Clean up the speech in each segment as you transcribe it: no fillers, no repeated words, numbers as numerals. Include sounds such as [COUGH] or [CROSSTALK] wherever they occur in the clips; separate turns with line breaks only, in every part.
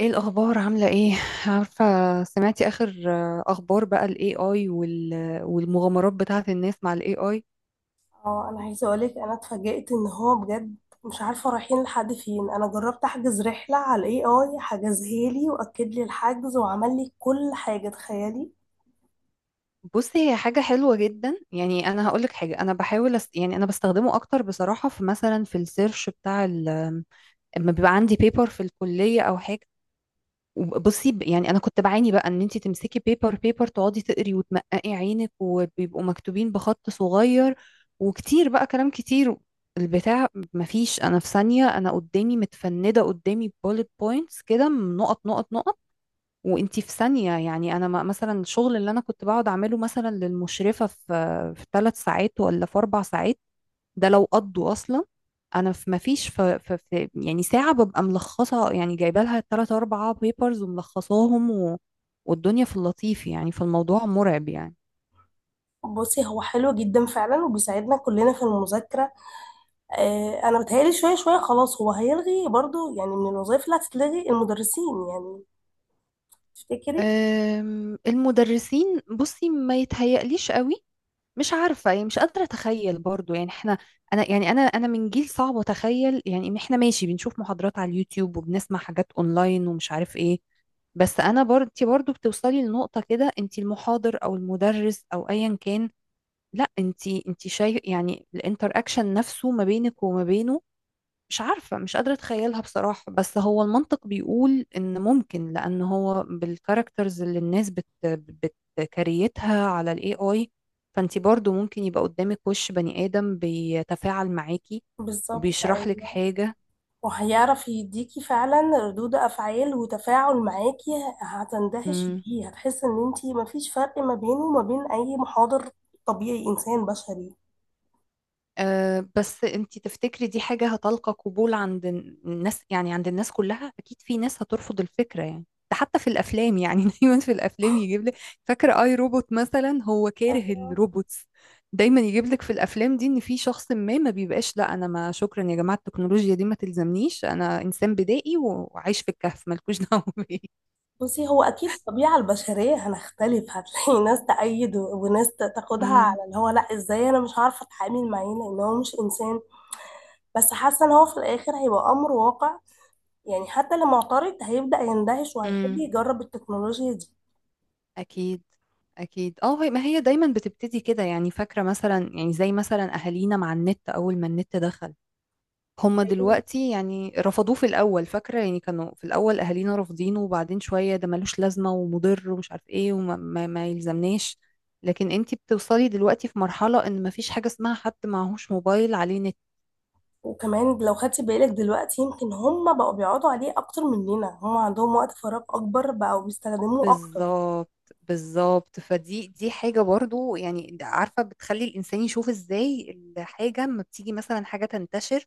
ايه الاخبار؟ عامله ايه؟ عارفه، سمعتي اخر اخبار بقى الاي اي؟ والمغامرات بتاعه الناس مع الاي اي؟
اه انا عايزه اقولك انا اتفاجئت ان هو بجد مش عارفه رايحين لحد فين. انا جربت احجز رحله على الاي اي، حجزها لي واكد لي الحجز وعمل لي كل حاجه، تخيلي.
بصي، هي حاجه حلوه جدا يعني. انا هقول لك حاجه، انا بحاول يعني انا بستخدمه اكتر بصراحه في، مثلا، في السيرش بتاع لما بيبقى عندي بيبر في الكليه او حاجه. بصي، يعني انا كنت بعاني بقى ان انت تمسكي بيبر بيبر، تقعدي تقري وتمققي عينك، وبيبقوا مكتوبين بخط صغير وكتير، بقى كلام كتير، البتاع، مفيش. انا في ثانية، انا قدامي متفندة قدامي bullet points كده، نقط نقط نقط. وانتي في ثانية يعني. انا مثلا الشغل اللي انا كنت بقعد اعمله مثلا للمشرفة في في 3 ساعات ولا في 4 ساعات، ده لو قضوا اصلا. انا في، مفيش، في يعني ساعه ببقى ملخصه، يعني جايبه لها 3 4 بيبرز وملخصاهم والدنيا في اللطيف يعني، فالموضوع مرعب يعني.
بصي هو حلو جدا فعلا وبيساعدنا كلنا في المذاكره. آه، انا بتهيألي شويه شويه خلاص هو هيلغي برضو، يعني من الوظائف اللي هتتلغي المدرسين، يعني تفتكري؟
المدرسين، بصي، ما يتهيأليش قوي. مش عارفه يعني، مش قادره اتخيل برضو يعني. احنا، انا يعني، انا من جيل صعب اتخيل يعني إن احنا ماشي بنشوف محاضرات على اليوتيوب وبنسمع حاجات اونلاين ومش عارف ايه. بس انا برضو، انت برضو بتوصلي لنقطه كده، انت المحاضر او المدرس او ايا كان، لا، انت شايف يعني الانتر اكشن نفسه ما بينك وما بينه. مش عارفة، مش قادرة اتخيلها بصراحة، بس هو المنطق بيقول ان ممكن، لان هو بالكاركترز اللي الناس بتكريتها على الاي اي، فانت برضو ممكن يبقى قدامك وش بني ادم بيتفاعل معاكي
بالظبط،
وبيشرح لك حاجة.
وهيعرف يديكي فعلا ردود افعال وتفاعل معاكي. هتندهش بيه، هتحس ان انتي مفيش فرق ما بينه وما بين اي محاضر، طبيعي انسان بشري.
أه، بس انتي تفتكري دي حاجة هتلقى قبول عند الناس يعني؟ عند الناس كلها، اكيد في ناس هترفض الفكرة يعني. ده حتى في الافلام يعني [LAUGHS] دايما في الافلام يجيب لك، فاكرة اي روبوت مثلا هو كاره الروبوتس، دايما يجيب لك في الافلام دي ان في شخص ما، ما بيبقاش، لا انا، ما، شكرا يا جماعة، التكنولوجيا دي ما تلزمنيش، انا انسان بدائي وعايش في الكهف، مالكوش دعوة [LAUGHS] بيا.
بصي هو اكيد الطبيعه البشريه هنختلف، هتلاقي ناس تأيد وناس تاخدها على اللي هو لا ازاي انا مش عارفه اتعامل معاه لان هو مش انسان. بس حاسه ان هو في الاخر هيبقى امر واقع، يعني حتى اللي معترض هيبدأ يندهش وهيحب
امم.
يجرب التكنولوجيا
أكيد. أكيد، اه. ما هي دايما بتبتدي كده يعني، فاكرة مثلا، يعني زي مثلا أهالينا مع النت، أول ما النت دخل، هما
دي.
دلوقتي يعني رفضوه في الأول. فاكرة، يعني كانوا في الأول أهالينا رافضينه، وبعدين شوية ده ملوش لازمة ومضر ومش عارف إيه وما ما ما يلزمناش. لكن انتي بتوصلي دلوقتي في مرحلة إن مفيش حاجة اسمها حد معهوش موبايل عليه نت.
وكمان لو خدتي بالك دلوقتي يمكن هم بقوا بيقعدوا عليه اكتر مننا، هم عندهم وقت فراغ اكبر بقوا بيستخدموه اكتر.
بالظبط. بالظبط، فدي دي حاجة برضو يعني. عارفة، بتخلي الإنسان يشوف إزاي الحاجة لما بتيجي، مثلا، حاجة تنتشر.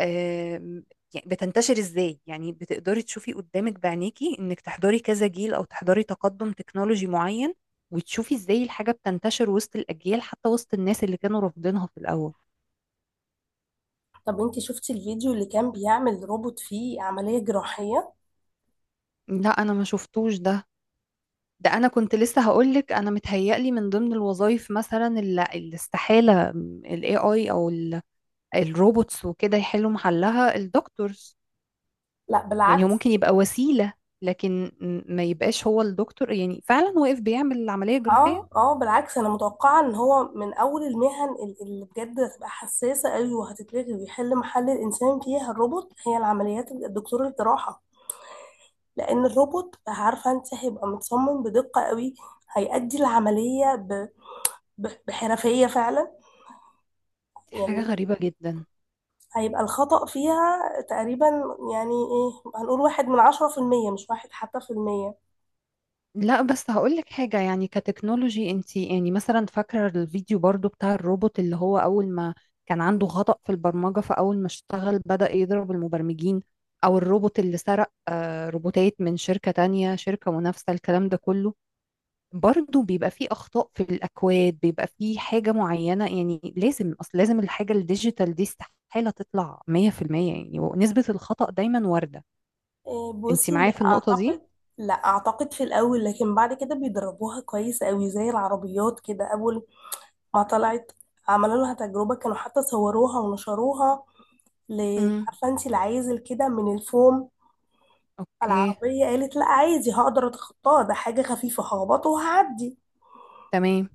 آم، يعني بتنتشر ازاي، يعني بتقدري تشوفي قدامك بعينيكي انك تحضري كذا جيل او تحضري تقدم تكنولوجي معين، وتشوفي ازاي الحاجة بتنتشر وسط الاجيال حتى وسط الناس اللي كانوا رافضينها في الاول.
طب انتي شفتي الفيديو اللي كان بيعمل روبوت فيه عملية جراحية؟
لا، انا ما شفتوش ده. ده انا كنت لسه هقولك، انا متهيألي من ضمن الوظائف مثلا اللي استحالة ال AI او الروبوتس وكده يحلوا محلها الدكتورز.
لا
يعني هو
بالعكس.
ممكن يبقى وسيلة، لكن ما يبقاش هو الدكتور، يعني فعلا واقف بيعمل العملية الجراحية.
اه، اه، بالعكس انا متوقعة ان هو من اول المهن اللي بجد هتبقى حساسة قوي وهتتلغي ويحل محل الانسان فيها الروبوت هي العمليات الدكتور الجراحة. لان الروبوت، عارفة انت، هيبقى متصمم بدقة قوي، هيأدي العملية بحرفية فعلا.
دي حاجة
يعني
غريبة جدا.
هيبقى الخطأ فيها تقريبا، يعني ايه، هنقول واحد من عشرة في المية، مش واحد حتى في المية.
لا، بس هقولك حاجة، يعني كتكنولوجي، انتي يعني مثلا فاكرة الفيديو برضو بتاع الروبوت اللي هو أول ما كان عنده خطأ في البرمجة، فأول ما اشتغل بدأ يضرب المبرمجين. أو الروبوت اللي سرق روبوتات من شركة تانية، شركة منافسة، الكلام ده كله، برضو بيبقى فيه أخطاء في الأكواد، بيبقى فيه حاجة معينة. يعني لازم أصل، لازم، الحاجة الديجيتال دي استحالة تطلع 100%، يعني، ونسبة الخطأ دايما واردة.
إيه
انتي
بصي
معايا
لا
في النقطة دي؟
أعتقد. لا أعتقد في الأول، لكن بعد كده بيدربوها كويس أوي. زي العربيات كده، أول ما طلعت عملوا لها تجربة، كانوا حتى صوروها ونشروها.
مم.
عارفة انتي العازل كده من الفوم؟ على
اوكي.
العربية، قالت لا عادي هقدر أتخطاها، ده حاجة خفيفة هخبطه وهعدي.
تمام.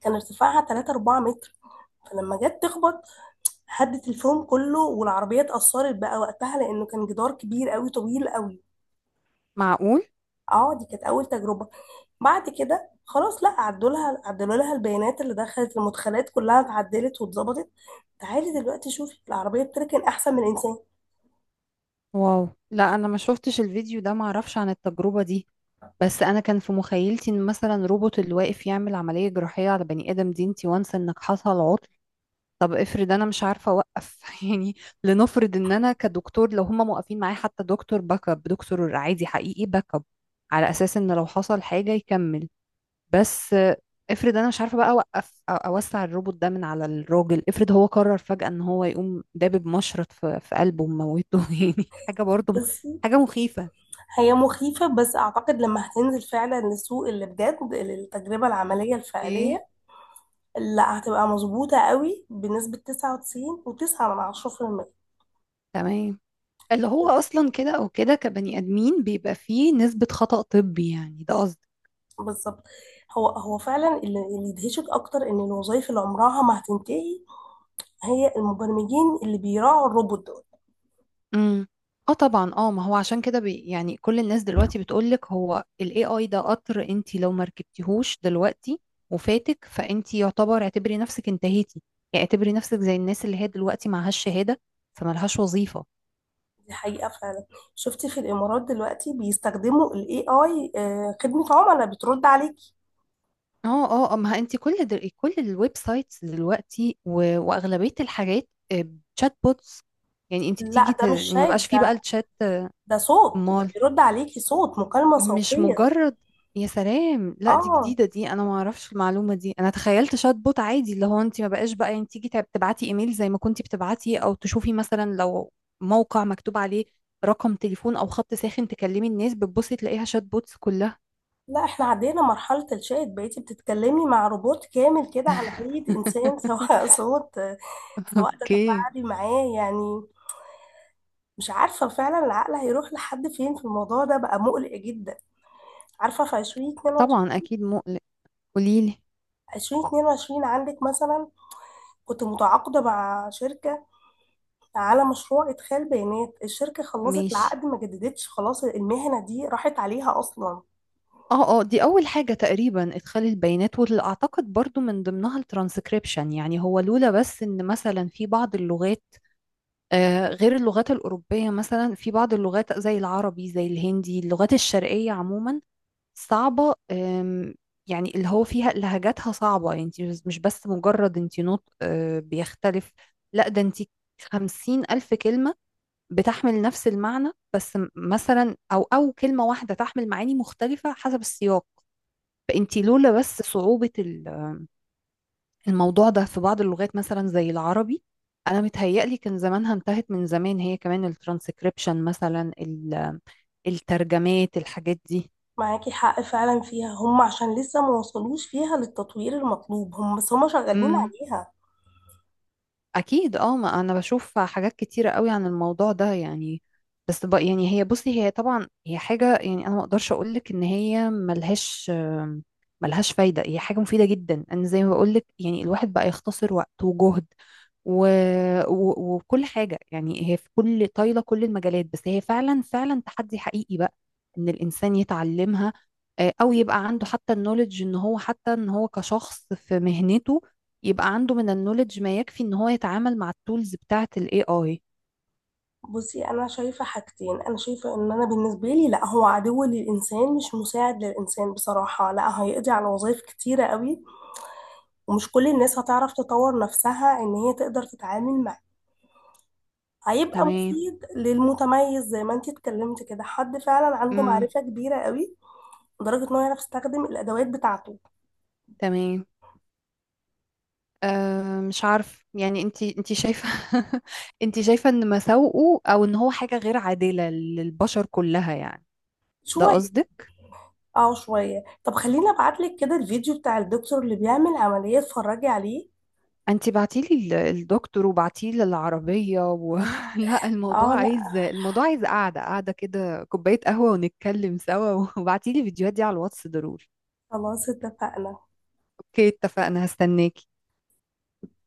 كان ارتفاعها 3 4 متر، فلما جت تخبط هدت الفيلم كله، والعربية اتأثرت بقى وقتها لأنه كان جدار كبير قوي طويل قوي.
معقول.
اه، دي كانت أول تجربة. بعد كده خلاص، لا عدوا لها، عدلوا لها البيانات اللي دخلت، المدخلات كلها اتعدلت واتظبطت. تعالي دلوقتي شوفي العربية بتركن أحسن من الإنسان.
واو، لا انا ما شفتش الفيديو ده، ما اعرفش عن التجربة دي. بس انا كان في مخيلتي ان مثلا روبوت اللي واقف يعمل عملية جراحية على بني ادم، دي انتي وانس انك حصل عطل. طب افرض انا مش عارفة اوقف [LAUGHS] يعني. لنفرض ان انا كدكتور، لو هما موقفين معايا حتى دكتور باك اب، دكتور عادي حقيقي باك اب، على اساس ان لو حصل حاجة يكمل. بس افرض انا مش عارفه بقى اوقف، أو اوسع الروبوت ده من على الراجل، افرض هو قرر فجأة ان هو يقوم دابب مشرط في قلبه وموته [LAUGHS] يعني. حاجه برضه
بس
حاجه مخيفه.
هي مخيفة، بس أعتقد لما هتنزل فعلا للسوق اللي بجد، التجربة العملية
اوكي.
الفعلية، لا هتبقى مظبوطة قوي بنسبة 99.9 من 10%.
تمام. اللي هو اصلا كده او كده كبني ادمين بيبقى فيه نسبه خطأ طبي يعني، ده.
بالظبط. هو فعلا، اللي يدهشك اكتر ان الوظائف اللي عمرها ما هتنتهي هي المبرمجين اللي بيراعوا الروبوت دول.
امم. اه، طبعا، اه ما هو عشان كده يعني كل الناس دلوقتي بتقولك هو ال AI ده قطر، انت لو ما ركبتيهوش دلوقتي وفاتك، فانت يعتبر، اعتبري نفسك انتهيتي. يعني اعتبري نفسك زي الناس اللي هي دلوقتي معهاش شهادة فمالهاش وظيفة.
دي حقيقة فعلا. شفت في الامارات دلوقتي بيستخدموا الاي اي، خدمة عملاء بترد عليك.
اه، اه، ما انت كل الويب سايتس دلوقتي واغلبية الحاجات تشات بوتس يعني. انت بتيجي
لا ده
يعني
مش
ما
شات،
بقاش فيه بقى
ده
الشات.
ده صوت، ده بيرد عليكي صوت مكالمة
مش
صوتية.
مجرد؟ يا سلام، لا دي
اه
جديدة دي، انا ما اعرفش المعلومة دي. انا تخيلت شات بوت عادي، اللي هو انت ما بقاش بقى، يعني، تيجي تبعتي ايميل زي ما كنتي بتبعتي، او تشوفي مثلا لو موقع مكتوب عليه رقم تليفون او خط ساخن تكلمي الناس، بتبصي تلاقيها شات بوتس كلها.
لا، احنا عدينا مرحلة الشات، بقيتي بتتكلمي مع روبوت كامل كده على هيئة انسان، سواء [LAUGHS] صوت، سواء
اوكي.
تتفاعلي معاه، يعني مش عارفة فعلا العقل هيروح لحد فين في الموضوع ده، بقى مقلق جدا. عارفة في عشرين اتنين وعشرين،
طبعا، اكيد مقلق. قوليلي.
عشرين اتنين وعشرين عندك مثلا، كنت متعاقدة مع شركة على مشروع إدخال بيانات الشركة، خلصت
ماشي.
العقد ما جددتش، خلاص المهنة دي راحت عليها أصلا.
اه، اه، دي اول حاجة تقريبا، ادخال البيانات، واللي اعتقد برضو من ضمنها الترانسكريبشن. يعني هو لولا بس ان مثلا في بعض اللغات، غير اللغات الأوروبية، مثلا في بعض اللغات زي العربي زي الهندي، اللغات الشرقية عموما صعبة. يعني اللي هو فيها لهجاتها صعبة، يعني انت مش بس مجرد، انت نطق بيختلف، لا ده انت 50,000 كلمة بتحمل نفس المعنى، بس مثلا أو كلمة واحدة تحمل معاني مختلفة حسب السياق. فانت لولا بس صعوبة الموضوع ده في بعض اللغات مثلا زي العربي، انا متهيألي كان زمانها انتهت من زمان، هي كمان الترانسكريبشن مثلا، الترجمات، الحاجات دي.
معاكي حق فعلا فيها، هم عشان لسه ما وصلوش فيها للتطوير المطلوب، هم بس هم شغالين
امم.
عليها.
اكيد، اه، ما انا بشوف حاجات كتيره قوي عن الموضوع ده يعني. بس بقى يعني، بصي، هي طبعا هي حاجه يعني، انا ما اقدرش اقول لك ان هي ملهاش ملهاش فايده. هي حاجه مفيده جدا، انا زي ما بقول لك، يعني الواحد بقى يختصر وقت وجهد و... وكل حاجه يعني، هي في كل طايله، كل المجالات، بس هي فعلا فعلا تحدي حقيقي بقى ان الانسان يتعلمها، او يبقى عنده حتى النولج، ان هو، حتى ان هو كشخص في مهنته، يبقى عنده من النولج ما يكفي ان هو يتعامل مع التولز بتاعة الاي اي.
بصي انا شايفه حاجتين، انا شايفه ان انا بالنسبه لي لا، هو عدو للانسان مش مساعد للانسان بصراحه، لا هيقضي على وظائف كتيره قوي، ومش كل الناس هتعرف تطور نفسها ان هي تقدر تتعامل معاه. هيبقى
تمام.
مفيد للمتميز، زي ما انتي اتكلمت كده، حد فعلا عنده
امم.
معرفة كبيرة قوي لدرجة انه يعرف يستخدم الادوات بتاعته.
تمام. أه، مش عارف يعني، انت شايفة [LAUGHS] انت شايفة ان مساوئه، او ان هو حاجة غير عادلة للبشر كلها يعني؟ ده
شوية،
قصدك؟
اه شوية. طب خليني ابعتلك كده الفيديو بتاع الدكتور اللي بيعمل عملية، اتفرجي عليه.
انت بعتيلي الدكتور، وبعتيلي العربية [LAUGHS] لا
اه
الموضوع عايز،
لا،
الموضوع عايز قعدة، قعدة كده، كوباية قهوة ونتكلم سوا [LAUGHS] وبعتيلي الفيديوهات دي على الواتس ضروري.
خلاص اتفقنا.
اوكي، اتفقنا، هستناكي.